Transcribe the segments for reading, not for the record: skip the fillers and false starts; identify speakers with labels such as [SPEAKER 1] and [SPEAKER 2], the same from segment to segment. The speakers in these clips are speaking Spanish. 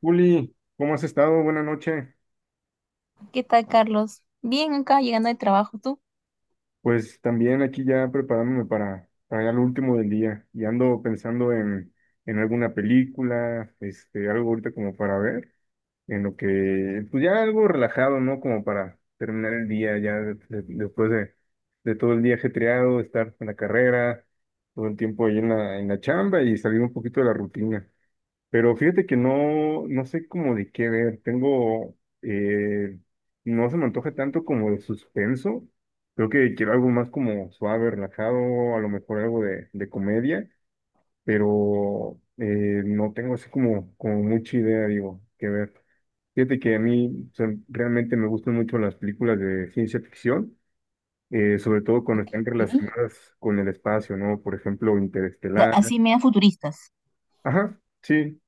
[SPEAKER 1] Juli, ¿cómo has estado? Buenas noches.
[SPEAKER 2] ¿Qué tal, Carlos? Bien, acá llegando de trabajo, ¿tú?
[SPEAKER 1] Pues también aquí ya preparándome para ya lo último del día y ando pensando en alguna película, algo ahorita como para ver, en lo que, pues ya algo relajado, ¿no? Como para terminar el día ya después de todo el día ajetreado, estar en la carrera, todo el tiempo ahí en la chamba y salir un poquito de la rutina. Pero fíjate que no, no sé cómo de qué ver. Tengo, eh, no se me antoja tanto como de suspenso. Creo que quiero algo más como suave, relajado, a lo mejor algo de comedia, pero no tengo así como mucha idea, digo, que ver. Fíjate que a mí o sea, realmente me gustan mucho las películas de ciencia ficción, sobre todo cuando
[SPEAKER 2] Ok.
[SPEAKER 1] están relacionadas con el espacio, ¿no? Por ejemplo, Interestelar.
[SPEAKER 2] Así medio futuristas,
[SPEAKER 1] Ajá. Sí,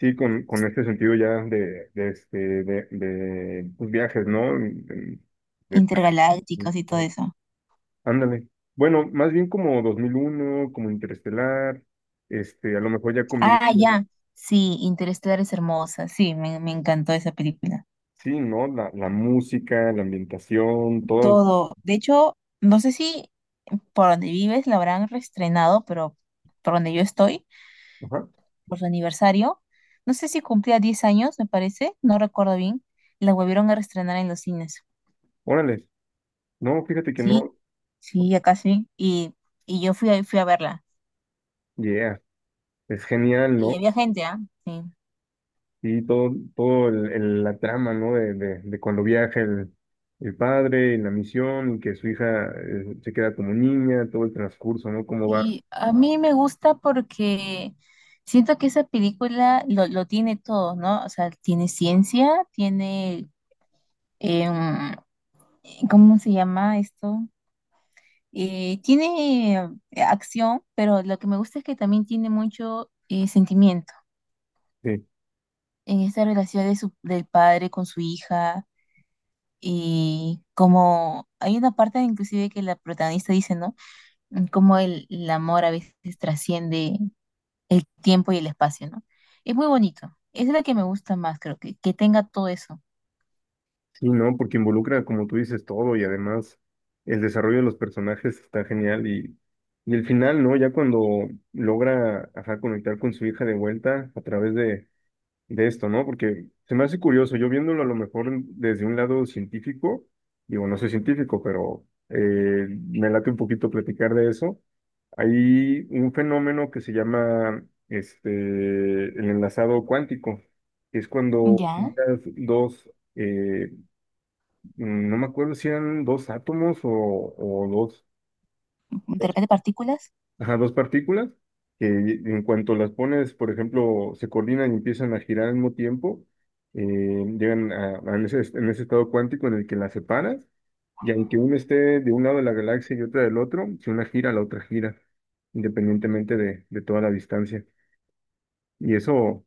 [SPEAKER 1] sí, con este sentido ya de pues, viajes, ¿no? De- de-
[SPEAKER 2] intergalácticos y todo eso.
[SPEAKER 1] ándale. Bueno, más bien como 2001 como Interestelar, a lo mejor ya
[SPEAKER 2] Ah,
[SPEAKER 1] combinando,
[SPEAKER 2] ya. Sí, Interestelar es hermosa. Sí, me encantó esa película.
[SPEAKER 1] sí, ¿no? La música, la ambientación, todo.
[SPEAKER 2] Todo. De hecho, no sé si por donde vives la habrán reestrenado, pero por donde yo estoy,
[SPEAKER 1] Ajá.
[SPEAKER 2] por su aniversario, no sé si cumplía 10 años, me parece, no recuerdo bien, la volvieron a reestrenar en los cines.
[SPEAKER 1] Órale. No, fíjate que
[SPEAKER 2] Sí,
[SPEAKER 1] no.
[SPEAKER 2] sí, acá sí. Y yo fui, fui a verla.
[SPEAKER 1] Yeah, es genial,
[SPEAKER 2] Y
[SPEAKER 1] ¿no?
[SPEAKER 2] había gente, ¿ah? Sí.
[SPEAKER 1] Y todo, todo la trama, ¿no? De cuando viaja el, padre y la misión, y que su hija se queda como niña, todo el transcurso, ¿no? Cómo va.
[SPEAKER 2] Y a mí me gusta porque siento que esa película lo tiene todo, ¿no? O sea, tiene ciencia, tiene, em, ¿cómo se llama esto? Tiene acción, pero lo que me gusta es que también tiene mucho sentimiento
[SPEAKER 1] Sí,
[SPEAKER 2] en esta relación del padre con su hija. Y como hay una parte inclusive que la protagonista dice, ¿no? Como el amor a veces trasciende el tiempo y el espacio, ¿no? Es muy bonito. Es la que me gusta más, creo que tenga todo eso.
[SPEAKER 1] sí, ¿no? Porque involucra, como tú dices, todo y además el desarrollo de los personajes está genial y el final, ¿no? Ya cuando logra, ajá, conectar con su hija de vuelta a través de esto, ¿no? Porque se me hace curioso, yo viéndolo a lo mejor desde un lado científico, digo, no soy científico, pero me late un poquito platicar de eso. Hay un fenómeno que se llama el enlazado cuántico, que es cuando
[SPEAKER 2] Ya,
[SPEAKER 1] juntas dos, no me acuerdo si eran dos átomos o, dos.
[SPEAKER 2] de repente partículas.
[SPEAKER 1] Ajá, dos partículas que en cuanto las pones, por ejemplo, se coordinan y empiezan a girar al mismo tiempo, llegan a en ese estado cuántico en el que las separas, y aunque una esté de un lado de la galaxia y otra del otro, si una gira, la otra gira, independientemente de toda la distancia. Y eso,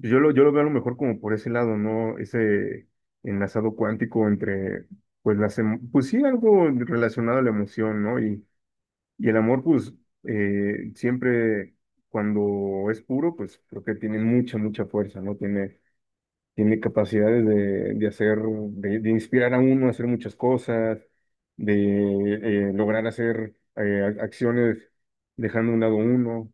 [SPEAKER 1] pues, yo lo veo a lo mejor como por ese lado, ¿no? Ese enlazado cuántico entre, pues, pues sí, algo relacionado a la emoción, ¿no? Y el amor, pues, siempre cuando es puro, pues creo que tiene mucha, mucha fuerza, ¿no? Tiene capacidades de hacer, de inspirar a uno a hacer muchas cosas, de lograr hacer acciones dejando a un lado uno.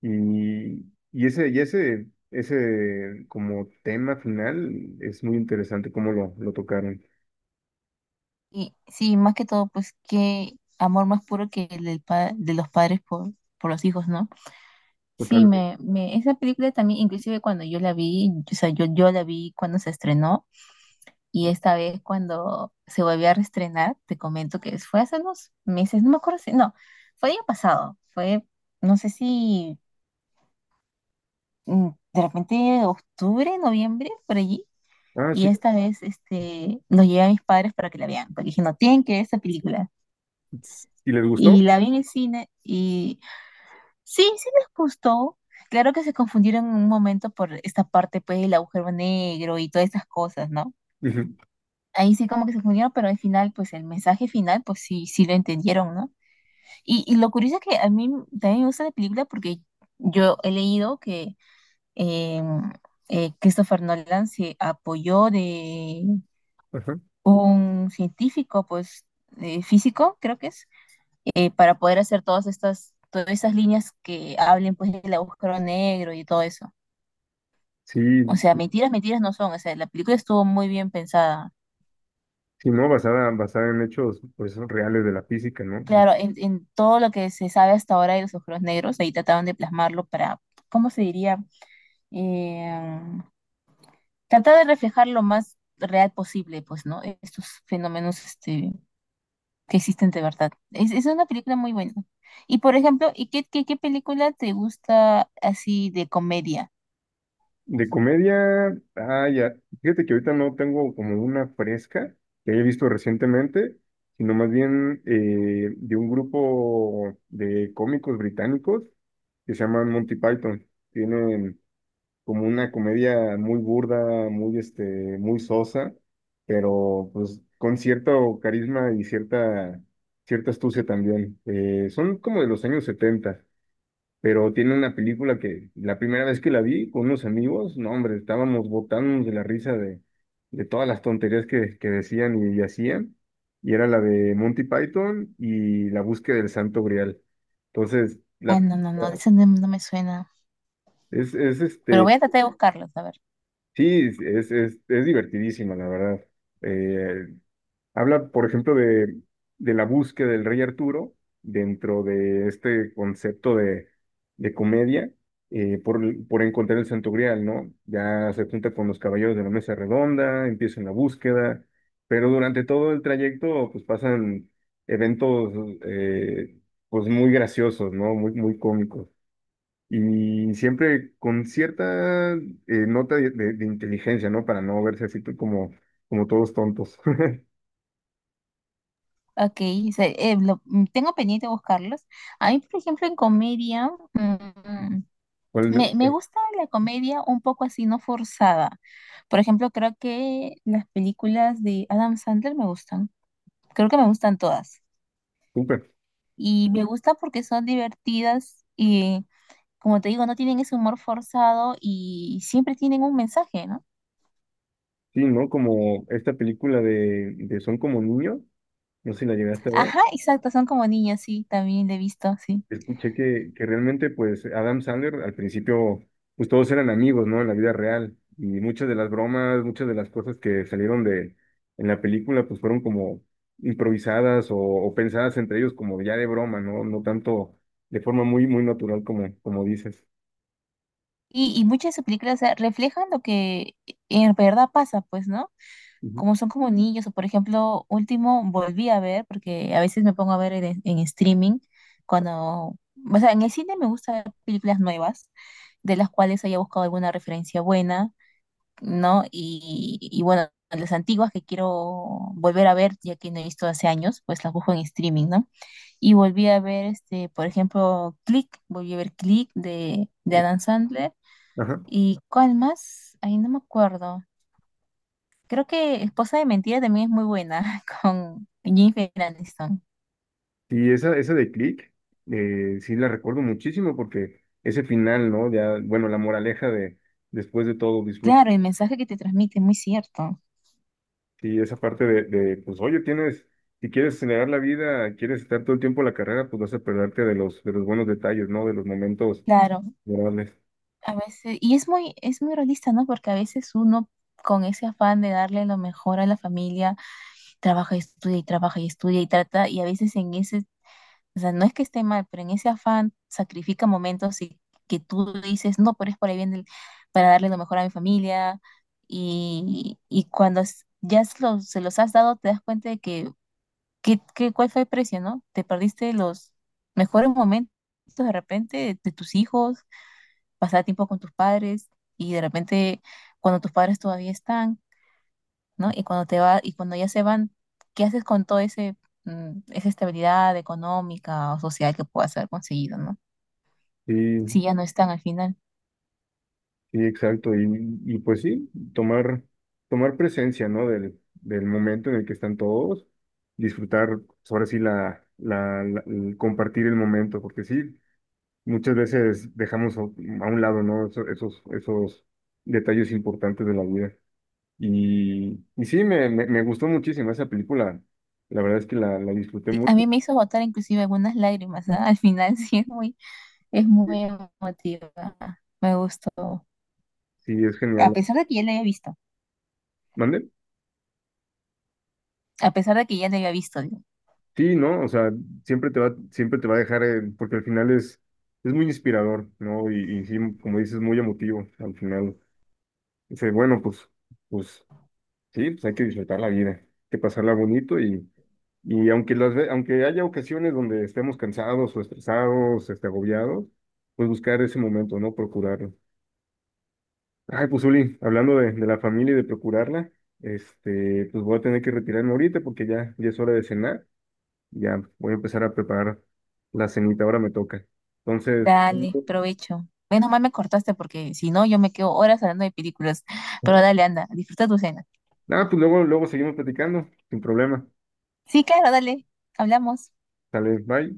[SPEAKER 1] Y, ese como tema final es muy interesante cómo lo tocaron.
[SPEAKER 2] Y sí, más que todo, pues qué amor más puro que el del de los padres por los hijos, ¿no? Sí,
[SPEAKER 1] Totalmente.
[SPEAKER 2] esa película también, inclusive cuando yo la vi, o sea, yo la vi cuando se estrenó y esta vez cuando se volvió a reestrenar, te comento que fue hace unos meses, no me acuerdo si, no, fue el año pasado, fue, no sé si de repente octubre, noviembre, por allí.
[SPEAKER 1] Ah,
[SPEAKER 2] Y
[SPEAKER 1] sí.
[SPEAKER 2] esta vez nos llevé a mis padres para que la vean, porque dije, no, tienen que ver esta película.
[SPEAKER 1] Si les
[SPEAKER 2] Y
[SPEAKER 1] gustó.
[SPEAKER 2] la vi en el cine y sí, sí les gustó. Claro que se confundieron en un momento por esta parte, pues, del agujero negro y todas esas cosas, ¿no? Ahí sí como que se confundieron, pero al final, pues, el mensaje final, pues sí, sí lo entendieron, ¿no? Y lo curioso es que a mí también me gusta la película porque yo he leído que eh, Christopher Nolan se apoyó de
[SPEAKER 1] Ajá.
[SPEAKER 2] un científico, pues físico, creo que es, para poder hacer todas esas líneas que hablen pues del agujero negro y todo eso.
[SPEAKER 1] Sí,
[SPEAKER 2] O sea, mentiras, mentiras no son. O sea, la película estuvo muy bien pensada.
[SPEAKER 1] sí, ¿no? Basada en hechos pues reales de la física, ¿no?
[SPEAKER 2] Claro, en todo lo que se sabe hasta ahora de los agujeros negros, ahí trataban de plasmarlo para, ¿cómo se diría? Eh, tratar de reflejar lo más real posible, pues, ¿no? Estos fenómenos que existen de verdad. Es una película muy buena. Y por ejemplo, ¿y qué, película te gusta así de comedia?
[SPEAKER 1] De comedia, ah, ya, fíjate que ahorita no tengo como una fresca que haya visto recientemente, sino más bien de un grupo de cómicos británicos que se llaman Monty Python. Tienen como una comedia muy burda, muy sosa, pero pues con cierto carisma y cierta astucia también. Son como de los años 70 pero tiene una película que la primera vez que la vi con unos amigos, no, hombre, estábamos botándonos de la risa de todas las tonterías que decían y hacían, y era la de Monty Python y la búsqueda del Santo Grial. Entonces,
[SPEAKER 2] Ah,
[SPEAKER 1] la,
[SPEAKER 2] no, no, no, esa no, no me suena.
[SPEAKER 1] es
[SPEAKER 2] Pero
[SPEAKER 1] este,
[SPEAKER 2] voy a tratar de buscarlos, a ver.
[SPEAKER 1] sí, es divertidísima, la verdad. Eh, Habla, por ejemplo, de, la búsqueda del rey Arturo dentro de este concepto de, comedia eh, por, por encontrar el Santo Grial, ¿no? Ya se junta con los caballeros de la mesa redonda, empiezan la búsqueda, pero durante todo el trayecto pues pasan eventos eh, pues muy graciosos, ¿no? Muy, muy cómicos. Y siempre con cierta nota de inteligencia, ¿no? Para no verse así como todos tontos.
[SPEAKER 2] Ok, tengo pendiente de buscarlos. A mí, por ejemplo, en comedia,
[SPEAKER 1] ¿Cuál?
[SPEAKER 2] me gusta la comedia un poco así, no forzada. Por ejemplo, creo que las películas de Adam Sandler me gustan. Creo que me gustan todas.
[SPEAKER 1] Súper,
[SPEAKER 2] Y me gusta porque son divertidas y como te digo, no tienen ese humor forzado y siempre tienen un mensaje, ¿no?
[SPEAKER 1] sí, ¿no? Como esta película de Son como niños, no sé si la llegaste a ver,
[SPEAKER 2] Ajá, exacto, son como niños, sí, también le he visto, sí.
[SPEAKER 1] escuché que realmente pues Adam Sandler al principio pues todos eran amigos, ¿no? En la vida real y muchas de las bromas, muchas de las cosas que salieron de en la película pues fueron como improvisadas o pensadas entre ellos como ya de broma, ¿no? No tanto de forma muy, muy natural como dices.
[SPEAKER 2] Y muchas de sus películas, o sea, reflejan lo que en verdad pasa, pues, ¿no?
[SPEAKER 1] Ujú.
[SPEAKER 2] Como son como niños, o por ejemplo, último volví a ver, porque a veces me pongo a ver en, streaming, cuando, o sea, en el cine me gusta ver películas nuevas, de las cuales haya buscado alguna referencia buena, ¿no? Y bueno, las antiguas que quiero volver a ver, ya que no he visto hace años, pues las busco en streaming, ¿no? Y volví a ver, por ejemplo, Click, volví a ver Click de Adam Sandler.
[SPEAKER 1] Ajá.
[SPEAKER 2] ¿Y cuál más? Ahí no me acuerdo. Creo que Esposa de Mentira también es muy buena con Jennifer Aniston.
[SPEAKER 1] Y esa de Click, sí la recuerdo muchísimo porque ese final, ¿no? Ya, bueno, la moraleja de después de todo, disfruta.
[SPEAKER 2] Claro, el mensaje que te transmite, muy cierto.
[SPEAKER 1] Y esa parte de, pues, oye, tienes, si quieres acelerar la vida, quieres estar todo el tiempo en la carrera, pues vas a perderte de los buenos detalles, ¿no? De los momentos
[SPEAKER 2] Claro,
[SPEAKER 1] agradables.
[SPEAKER 2] a veces, y es muy realista, ¿no? Porque a veces uno con ese afán de darle lo mejor a la familia, trabaja y estudia y trabaja y estudia y trata, y a veces en ese, o sea, no es que esté mal, pero en ese afán sacrifica momentos y que tú dices, no, pero es por ahí bien para darle lo mejor a mi familia, y cuando ya se los has dado, te das cuenta de que, cuál fue el precio, ¿no? Te perdiste los mejores momentos de repente de tus hijos, pasar tiempo con tus padres, y de repente cuando tus padres todavía están, ¿no? Y cuando te va, y cuando ya se van, ¿qué haces con todo ese, esa estabilidad económica o social que puedas haber conseguido, ¿no? Si
[SPEAKER 1] Sí,
[SPEAKER 2] ya no están al final.
[SPEAKER 1] sí, exacto. Y pues sí, tomar presencia, ¿no? Del momento en el que están todos, disfrutar, pues, ahora sí, el compartir el momento, porque sí. Muchas veces dejamos a un lado, ¿no? Esos, detalles importantes de la vida. Y sí, me gustó muchísimo esa película. La verdad es que la disfruté
[SPEAKER 2] Sí, a
[SPEAKER 1] mucho.
[SPEAKER 2] mí me hizo botar inclusive algunas lágrimas, ¿ah? Al final sí es muy emotiva. Me gustó.
[SPEAKER 1] Sí, es
[SPEAKER 2] A
[SPEAKER 1] genial.
[SPEAKER 2] pesar de que ya la había visto.
[SPEAKER 1] ¿Mande?
[SPEAKER 2] A pesar de que ya la había visto, digo.
[SPEAKER 1] Sí, ¿no? O sea, siempre te va a dejar, porque al final es muy inspirador, ¿no? Y sí, como dices, muy emotivo al final. Dice, bueno, pues sí, pues hay que disfrutar la vida, hay que pasarla bonito y aunque aunque haya ocasiones donde estemos cansados o estresados, agobiados, pues buscar ese momento, ¿no? Procurarlo. Ay, pues Uli, hablando de, la familia y de procurarla, pues voy a tener que retirarme ahorita porque ya es hora de cenar. Ya voy a empezar a preparar la cenita, ahora me toca. Entonces,
[SPEAKER 2] Dale, provecho. Menos mal me cortaste porque si no yo me quedo horas hablando de películas. Pero dale, anda, disfruta tu cena.
[SPEAKER 1] nada, pues luego, luego seguimos platicando, sin problema.
[SPEAKER 2] Sí, claro, dale. Hablamos.
[SPEAKER 1] Sale, bye.